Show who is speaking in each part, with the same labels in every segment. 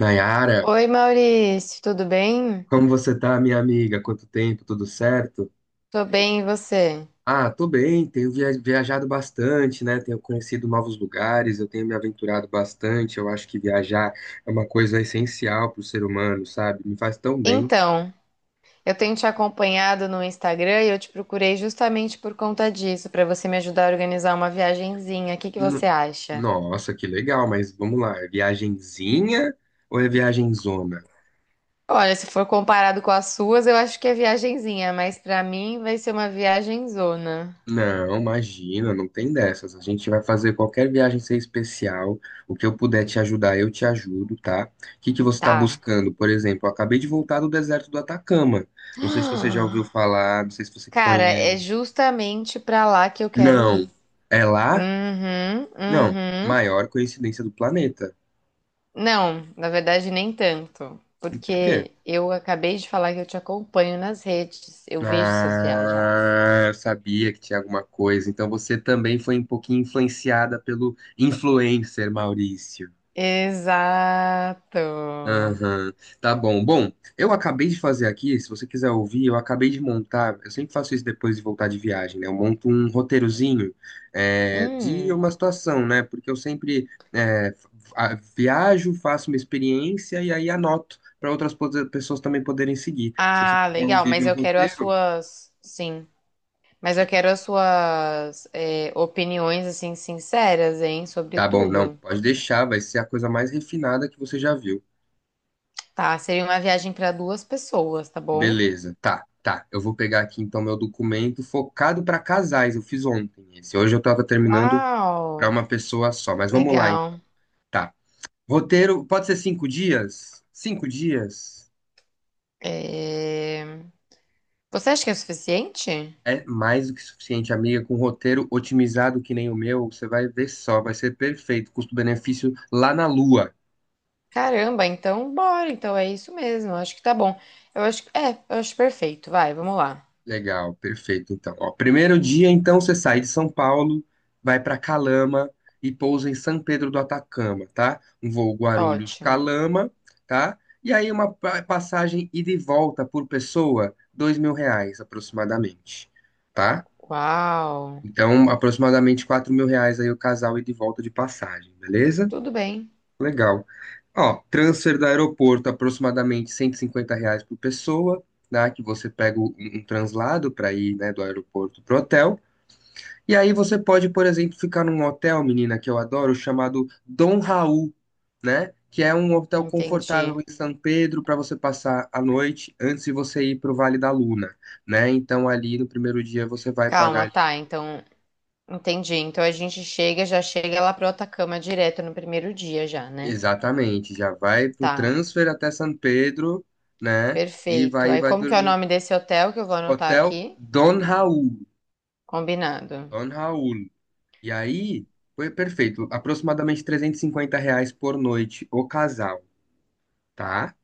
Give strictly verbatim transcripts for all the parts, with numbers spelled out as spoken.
Speaker 1: Nayara,
Speaker 2: Oi, Maurício, tudo bem?
Speaker 1: como você tá, minha amiga? Quanto tempo? Tudo certo?
Speaker 2: Tô bem, e você?
Speaker 1: Ah, tô bem, tenho via- viajado bastante, né? Tenho conhecido novos lugares, eu tenho me aventurado bastante. Eu acho que viajar é uma coisa essencial para o ser humano, sabe? Me faz tão bem.
Speaker 2: Então, eu tenho te acompanhado no Instagram e eu te procurei justamente por conta disso, pra você me ajudar a organizar uma viagenzinha. O que que você
Speaker 1: No-
Speaker 2: acha?
Speaker 1: Nossa, que legal, mas vamos lá, é viagenzinha ou é viagenzona?
Speaker 2: Olha, se for comparado com as suas, eu acho que é viagenzinha, mas pra mim vai ser uma viagem zona.
Speaker 1: Não, imagina, não tem dessas. A gente vai fazer qualquer viagem ser especial. O que eu puder te ajudar, eu te ajudo, tá? O que que você está
Speaker 2: Tá.
Speaker 1: buscando? Por exemplo, eu acabei de voltar do deserto do Atacama. Não sei se você já ouviu falar, não sei se você
Speaker 2: Cara, é
Speaker 1: conhece.
Speaker 2: justamente pra lá que eu quero
Speaker 1: Não.
Speaker 2: ir.
Speaker 1: É lá?
Speaker 2: Uhum,
Speaker 1: Não.
Speaker 2: uhum.
Speaker 1: Maior coincidência do planeta.
Speaker 2: Não, na verdade nem tanto,
Speaker 1: Por quê?
Speaker 2: porque eu acabei de falar que eu te acompanho nas redes, eu vejo suas viagens.
Speaker 1: Ah, eu sabia que tinha alguma coisa. Então você também foi um pouquinho influenciada pelo influencer Maurício.
Speaker 2: Exato.
Speaker 1: Aham, tá bom. Bom, eu acabei de fazer aqui, se você quiser ouvir, eu acabei de montar, eu sempre faço isso depois de voltar de viagem, né? Eu monto um roteirozinho é, de
Speaker 2: Hum.
Speaker 1: uma situação, né? Porque eu sempre é, f- a- viajo, faço uma experiência e aí anoto para outras pos- pessoas também poderem seguir. Se você
Speaker 2: Ah,
Speaker 1: quiser
Speaker 2: legal,
Speaker 1: ouvir
Speaker 2: mas
Speaker 1: meu
Speaker 2: eu quero as
Speaker 1: roteiro,
Speaker 2: suas, sim, mas eu quero as suas é, opiniões assim sinceras, hein, sobre
Speaker 1: tá bom, não,
Speaker 2: tudo.
Speaker 1: pode deixar, vai ser a coisa mais refinada que você já viu.
Speaker 2: Tá, seria uma viagem para duas pessoas, tá bom?
Speaker 1: Beleza, tá, tá. Eu vou pegar aqui então meu documento focado para casais. Eu fiz ontem esse. Hoje eu tava terminando para
Speaker 2: Uau,
Speaker 1: uma pessoa só, mas vamos lá, hein?
Speaker 2: legal.
Speaker 1: Tá. Roteiro, pode ser cinco dias? Cinco dias
Speaker 2: É, você acha que é suficiente?
Speaker 1: é mais do que suficiente, amiga. Com roteiro otimizado que nem o meu, você vai ver só, vai ser perfeito. Custo-benefício lá na lua.
Speaker 2: Caramba, então bora, então é isso mesmo, acho que tá bom. Eu acho que é, eu acho perfeito. Vai, vamos lá.
Speaker 1: Legal, perfeito. Então, ó, primeiro dia, então, você sai de São Paulo, vai para Calama e pousa em São Pedro do Atacama, tá? Um voo
Speaker 2: Ótimo.
Speaker 1: Guarulhos-Calama, tá? E aí uma pa- passagem ida e volta por pessoa, dois mil reais aproximadamente, tá?
Speaker 2: Uau.
Speaker 1: Então, aproximadamente quatro mil reais aí o casal ida e volta de passagem, beleza?
Speaker 2: Tudo bem.
Speaker 1: Legal. Ó, transfer do aeroporto, aproximadamente cento e cinquenta reais por pessoa, né? Que você pega um, um translado para ir, né, do aeroporto pro hotel. E aí você pode, por exemplo, ficar num hotel, menina, que eu adoro, chamado Dom Raul, né? Que é um hotel confortável
Speaker 2: Entendi.
Speaker 1: em São Pedro para você passar a noite antes de você ir pro Vale da Luna, né? Então ali no primeiro dia você vai pagar
Speaker 2: Calma,
Speaker 1: ali-
Speaker 2: tá, então entendi. Então a gente chega, já chega lá pro Atacama direto no primeiro dia já, né?
Speaker 1: Exatamente, já vai pro
Speaker 2: Tá.
Speaker 1: transfer até São Pedro, né? E
Speaker 2: Perfeito.
Speaker 1: vai,
Speaker 2: Aí
Speaker 1: vai
Speaker 2: como que é o
Speaker 1: dormir
Speaker 2: nome desse hotel que eu vou anotar
Speaker 1: Hotel
Speaker 2: aqui?
Speaker 1: Don Raul.
Speaker 2: Combinado.
Speaker 1: Don Raul. E aí, foi perfeito. Aproximadamente trezentos e cinquenta reais por noite, o casal, tá?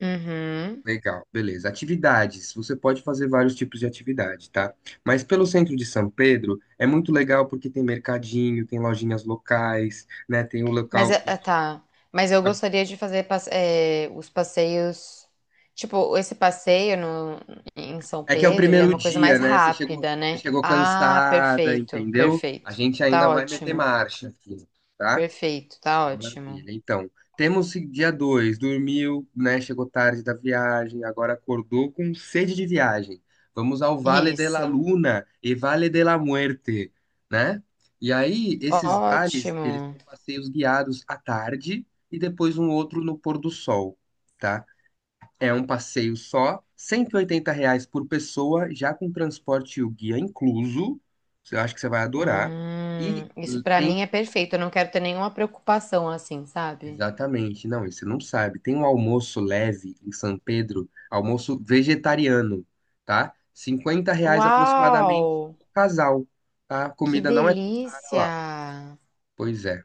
Speaker 2: Uhum.
Speaker 1: Legal, beleza. Atividades. Você pode fazer vários tipos de atividade, tá? Mas pelo centro de São Pedro é muito legal porque tem mercadinho, tem lojinhas locais, né? Tem o
Speaker 2: Mas,
Speaker 1: local.
Speaker 2: ah, tá. Mas eu gostaria de fazer passe- eh, os passeios. Tipo, esse passeio no, em São
Speaker 1: É que é o
Speaker 2: Pedro, ele é
Speaker 1: primeiro
Speaker 2: uma coisa
Speaker 1: dia,
Speaker 2: mais
Speaker 1: né? Você chegou,
Speaker 2: rápida,
Speaker 1: você
Speaker 2: né?
Speaker 1: chegou
Speaker 2: Ah,
Speaker 1: cansada,
Speaker 2: perfeito,
Speaker 1: entendeu? A
Speaker 2: perfeito.
Speaker 1: gente
Speaker 2: Tá
Speaker 1: ainda vai meter
Speaker 2: ótimo.
Speaker 1: marcha aqui, tá?
Speaker 2: Perfeito, tá ótimo.
Speaker 1: Maravilha. Então, temos dia dois, dormiu, né? Chegou tarde da viagem, agora acordou com sede de viagem. Vamos ao Vale de la
Speaker 2: Isso.
Speaker 1: Luna e Vale de la Muerte, né? E aí, esses vales, eles
Speaker 2: Ótimo.
Speaker 1: são passeios guiados à tarde e depois um outro no pôr do sol, tá? É um passeio só, cento e oitenta reais por pessoa, já com transporte e o guia incluso. Eu acho que você vai adorar. E
Speaker 2: Hum, isso pra mim
Speaker 1: tem
Speaker 2: é perfeito. Eu não quero ter nenhuma preocupação assim, sabe?
Speaker 1: Exatamente, não, e você não sabe. Tem um almoço leve em São Pedro, almoço vegetariano, tá? Cinquenta reais aproximadamente
Speaker 2: Uau!
Speaker 1: por casal, tá? A
Speaker 2: Que
Speaker 1: comida não é tão cara lá.
Speaker 2: delícia!
Speaker 1: Pois é.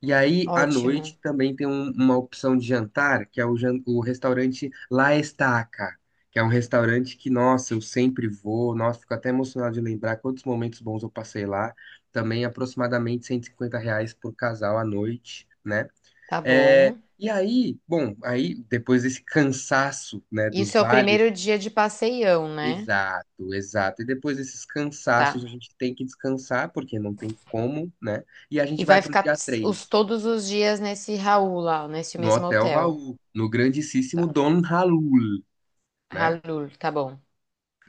Speaker 1: E aí, à
Speaker 2: Ótimo.
Speaker 1: noite, também tem um- uma opção de jantar, que é o, jan- o restaurante La Estaca, que é um restaurante que, nossa, eu sempre vou, nossa, fico até emocionado de lembrar quantos momentos bons eu passei lá. Também aproximadamente cento e cinquenta reais por casal à noite, né?
Speaker 2: Tá
Speaker 1: É,
Speaker 2: bom.
Speaker 1: e aí, bom, aí depois desse cansaço, né, dos
Speaker 2: Isso é o
Speaker 1: vales,
Speaker 2: primeiro dia de passeião, né?
Speaker 1: exato, exato. E depois desses cansaços,
Speaker 2: Tá.
Speaker 1: a gente tem que descansar, porque não tem como, né? E a
Speaker 2: E
Speaker 1: gente vai
Speaker 2: vai
Speaker 1: pro
Speaker 2: ficar
Speaker 1: dia
Speaker 2: ts- os,
Speaker 1: três
Speaker 2: todos os dias nesse Raul lá, nesse
Speaker 1: no
Speaker 2: mesmo
Speaker 1: Hotel
Speaker 2: hotel.
Speaker 1: Raul, no grandíssimo
Speaker 2: Tá.
Speaker 1: Don Raul, né?
Speaker 2: Halul, tá bom.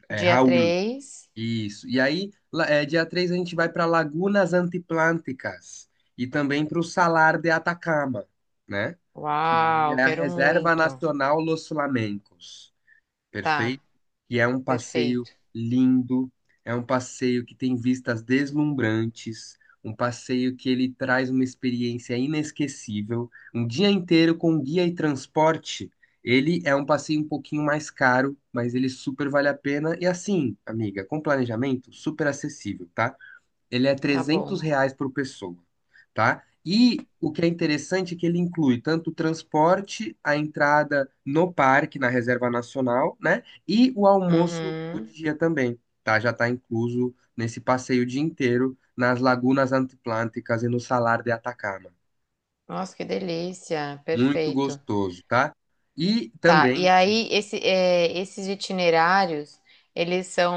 Speaker 1: É
Speaker 2: Dia
Speaker 1: Raul,
Speaker 2: três,
Speaker 1: isso. E aí, lá- é, dia três a gente vai para Lagunas Antiplânticas e também para o Salar de Atacama, né? Que
Speaker 2: uau,
Speaker 1: é a
Speaker 2: quero
Speaker 1: Reserva
Speaker 2: muito.
Speaker 1: Nacional Los Flamencos.
Speaker 2: Tá,
Speaker 1: Perfeito. E é um passeio
Speaker 2: perfeito.
Speaker 1: lindo, é um passeio que tem vistas deslumbrantes, um passeio que ele traz uma experiência inesquecível. Um dia inteiro com guia e transporte, ele é um passeio um pouquinho mais caro, mas ele super vale a pena. E assim, amiga, com planejamento, super acessível, tá? Ele é
Speaker 2: Tá
Speaker 1: trezentos
Speaker 2: bom.
Speaker 1: reais por pessoa, tá? E o que é interessante é que ele inclui tanto o transporte, a entrada no parque, na Reserva Nacional, né? E o almoço do
Speaker 2: Uhum.
Speaker 1: dia também, tá? Já está incluso nesse passeio o dia inteiro nas lagunas antiplânticas e no Salar de Atacama.
Speaker 2: Nossa, que delícia.
Speaker 1: Muito
Speaker 2: Perfeito.
Speaker 1: gostoso, tá? E
Speaker 2: Tá,
Speaker 1: também,
Speaker 2: e aí esse, é, esses itinerários, eles são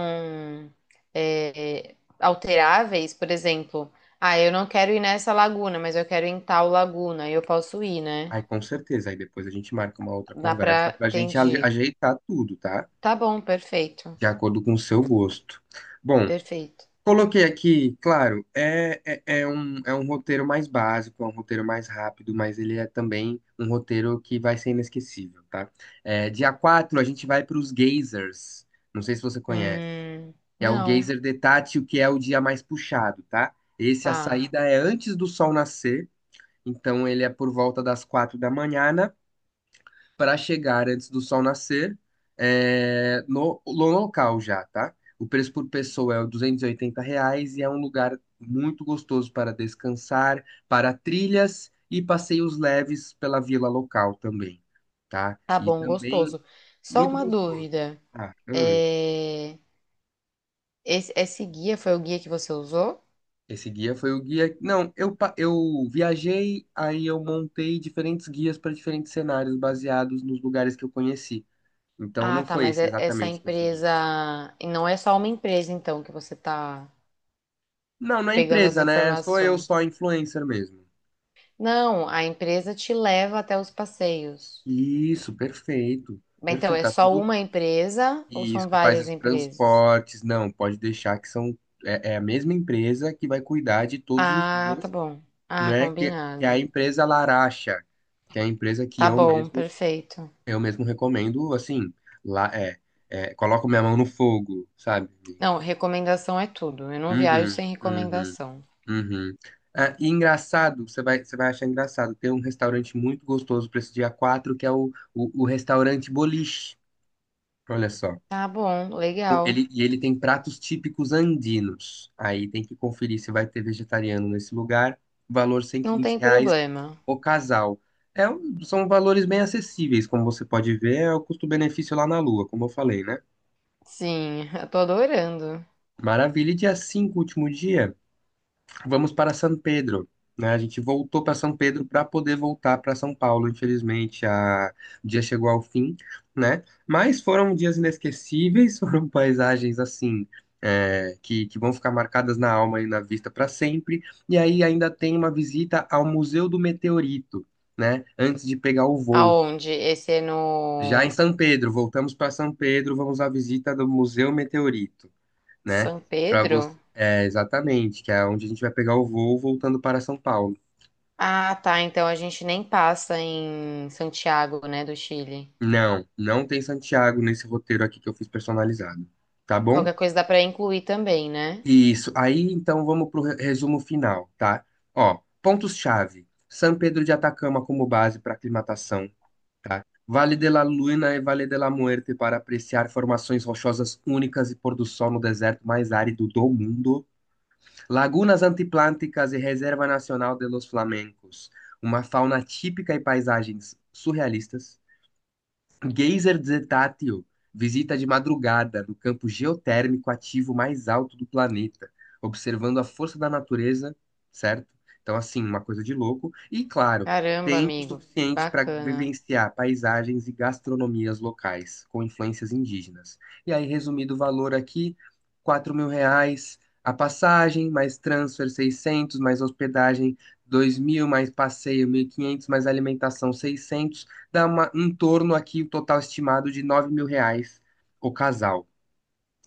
Speaker 2: é, alteráveis, por exemplo, ah, eu não quero ir nessa laguna, mas eu quero ir em tal laguna, eu posso ir, né?
Speaker 1: ai, com certeza, aí depois a gente marca uma outra
Speaker 2: Dá
Speaker 1: conversa
Speaker 2: pra,
Speaker 1: para a gente ale-
Speaker 2: entendi.
Speaker 1: ajeitar tudo, tá?
Speaker 2: Tá bom, perfeito,
Speaker 1: De acordo com o seu gosto. Bom,
Speaker 2: perfeito.
Speaker 1: coloquei aqui, claro, é, é, é um, é um roteiro mais básico, é um roteiro mais rápido, mas ele é também um roteiro que vai ser inesquecível, tá? É, dia quatro a gente vai para os geysers, não sei se você conhece,
Speaker 2: Hum,
Speaker 1: que é o
Speaker 2: não,
Speaker 1: geyser de Tati, o que é o dia mais puxado, tá? Esse, a
Speaker 2: tá,
Speaker 1: saída é antes do sol nascer, então ele é por volta das quatro da manhã, para chegar antes do sol nascer é, no, no local já, tá? O preço por pessoa é R duzentos e oitenta reais e é um lugar muito gostoso para descansar, para trilhas e passeios leves pela vila local também, tá?
Speaker 2: tá
Speaker 1: E
Speaker 2: bom,
Speaker 1: também
Speaker 2: gostoso. Só
Speaker 1: muito
Speaker 2: uma
Speaker 1: gostoso.
Speaker 2: dúvida,
Speaker 1: Ah, hum.
Speaker 2: é, esse, esse guia foi o guia que você usou?
Speaker 1: Esse guia foi o guia. Não, eu, pa- eu viajei, aí eu montei diferentes guias para diferentes cenários baseados nos lugares que eu conheci. Então
Speaker 2: Ah,
Speaker 1: não
Speaker 2: tá,
Speaker 1: foi
Speaker 2: mas
Speaker 1: esse
Speaker 2: é- essa
Speaker 1: exatamente que eu segui.
Speaker 2: empresa. E não é só uma empresa, então, que você tá
Speaker 1: Não, não é
Speaker 2: pegando as
Speaker 1: empresa, né? Sou eu
Speaker 2: informações.
Speaker 1: só influencer mesmo.
Speaker 2: Não, a empresa te leva até os passeios.
Speaker 1: Isso, perfeito.
Speaker 2: Bem, então,
Speaker 1: Perfeito,
Speaker 2: é
Speaker 1: tá
Speaker 2: só
Speaker 1: tudo.
Speaker 2: uma empresa ou
Speaker 1: Isso,
Speaker 2: são
Speaker 1: que faz
Speaker 2: várias
Speaker 1: os
Speaker 2: empresas?
Speaker 1: transportes. Não, pode deixar que são. É, é a mesma empresa que vai cuidar de todos os
Speaker 2: Ah, tá
Speaker 1: dias,
Speaker 2: bom. Ah,
Speaker 1: né? Que, que é a
Speaker 2: combinado.
Speaker 1: empresa Laracha, que é a empresa que
Speaker 2: Tá
Speaker 1: eu
Speaker 2: bom,
Speaker 1: mesmo,
Speaker 2: perfeito.
Speaker 1: eu mesmo recomendo, assim, lá é, é, coloco minha mão no fogo, sabe, amiga?
Speaker 2: Não, recomendação é tudo. Eu não viajo
Speaker 1: Uhum,
Speaker 2: sem
Speaker 1: uhum.
Speaker 2: recomendação.
Speaker 1: Uhum. Ah, e engraçado, você vai, você vai achar engraçado, tem um restaurante muito gostoso para esse dia quatro que é o, o, o restaurante Boliche. Olha só.
Speaker 2: Tá bom, legal.
Speaker 1: Ele, e ele tem pratos típicos andinos. Aí tem que conferir se vai ter vegetariano nesse lugar. Valor cento e
Speaker 2: Não
Speaker 1: vinte
Speaker 2: tem
Speaker 1: reais
Speaker 2: problema.
Speaker 1: o casal. É, um- são valores bem acessíveis, como você pode ver, é o custo-benefício lá na Lua, como eu falei, né?
Speaker 2: Sim, eu tô adorando.
Speaker 1: Maravilha. E dia cinco, último dia. Vamos para São Pedro, né? A gente voltou para São Pedro para poder voltar para São Paulo. Infelizmente, a... o dia chegou ao fim, né? Mas foram dias inesquecíveis, foram paisagens assim, é, que, que vão ficar marcadas na alma e na vista para sempre. E aí ainda tem uma visita ao Museu do Meteorito, né? Antes de pegar o voo.
Speaker 2: Aonde? Esse é
Speaker 1: Já em
Speaker 2: no
Speaker 1: São Pedro, voltamos para São Pedro, vamos à visita do Museu Meteorito, né?
Speaker 2: São
Speaker 1: Para
Speaker 2: Pedro?
Speaker 1: você, é exatamente, que é onde a gente vai pegar o voo voltando para São Paulo.
Speaker 2: Ah, tá. Então a gente nem passa em Santiago, né, do Chile.
Speaker 1: Não, não tem Santiago nesse roteiro aqui que eu fiz personalizado, tá bom?
Speaker 2: Qualquer coisa dá pra incluir também, né?
Speaker 1: Isso. Aí então vamos pro re- resumo final, tá? Ó, pontos-chave. São Pedro de Atacama como base para aclimatação, tá? Vale de la Luna e Vale de la Muerte para apreciar formações rochosas únicas e pôr do sol no deserto mais árido do mundo. Lagunas antiplânticas e Reserva Nacional de los Flamencos, uma fauna típica e paisagens surrealistas. Geyser Zetátil visita de madrugada no campo geotérmico ativo mais alto do planeta, observando a força da natureza, certo? Então, assim, uma coisa de louco. E, claro,
Speaker 2: Caramba,
Speaker 1: tempo
Speaker 2: amigo.
Speaker 1: suficiente para
Speaker 2: Bacana.
Speaker 1: vivenciar paisagens e gastronomias locais, com influências indígenas. E aí, resumido o valor aqui, quatro mil reais a passagem, mais transfer seiscentos mais hospedagem dois mil, mais passeio mil e quinhentos mais alimentação seiscentos dá uma, em torno aqui, o total estimado de nove mil reais o casal,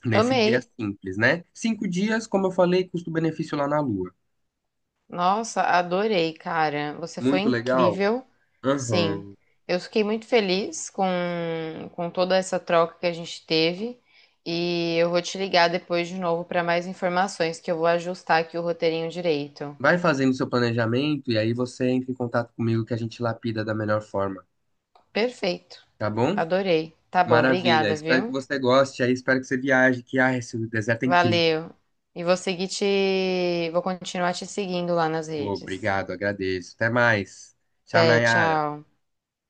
Speaker 1: nesse guia
Speaker 2: Amei.
Speaker 1: simples, né? Cinco dias, como eu falei, custo-benefício lá na Lua.
Speaker 2: Nossa, adorei, cara. Você foi
Speaker 1: Muito legal?
Speaker 2: incrível. Sim.
Speaker 1: Aham.
Speaker 2: Eu fiquei muito feliz com, com toda essa troca que a gente teve. E eu vou te ligar depois de novo para mais informações, que eu vou ajustar aqui o roteirinho direito.
Speaker 1: Vai fazendo seu planejamento e aí você entra em contato comigo que a gente lapida da melhor forma,
Speaker 2: Perfeito.
Speaker 1: tá bom?
Speaker 2: Adorei. Tá bom,
Speaker 1: Maravilha,
Speaker 2: obrigada,
Speaker 1: espero que
Speaker 2: viu?
Speaker 1: você goste, aí espero que você viaje, que ah, esse deserto é incrível.
Speaker 2: Valeu. E vou seguir te. Vou continuar te seguindo lá nas
Speaker 1: Pô,
Speaker 2: redes.
Speaker 1: obrigado, agradeço. Até mais. Tchau,
Speaker 2: Até,
Speaker 1: Nayara.
Speaker 2: tchau.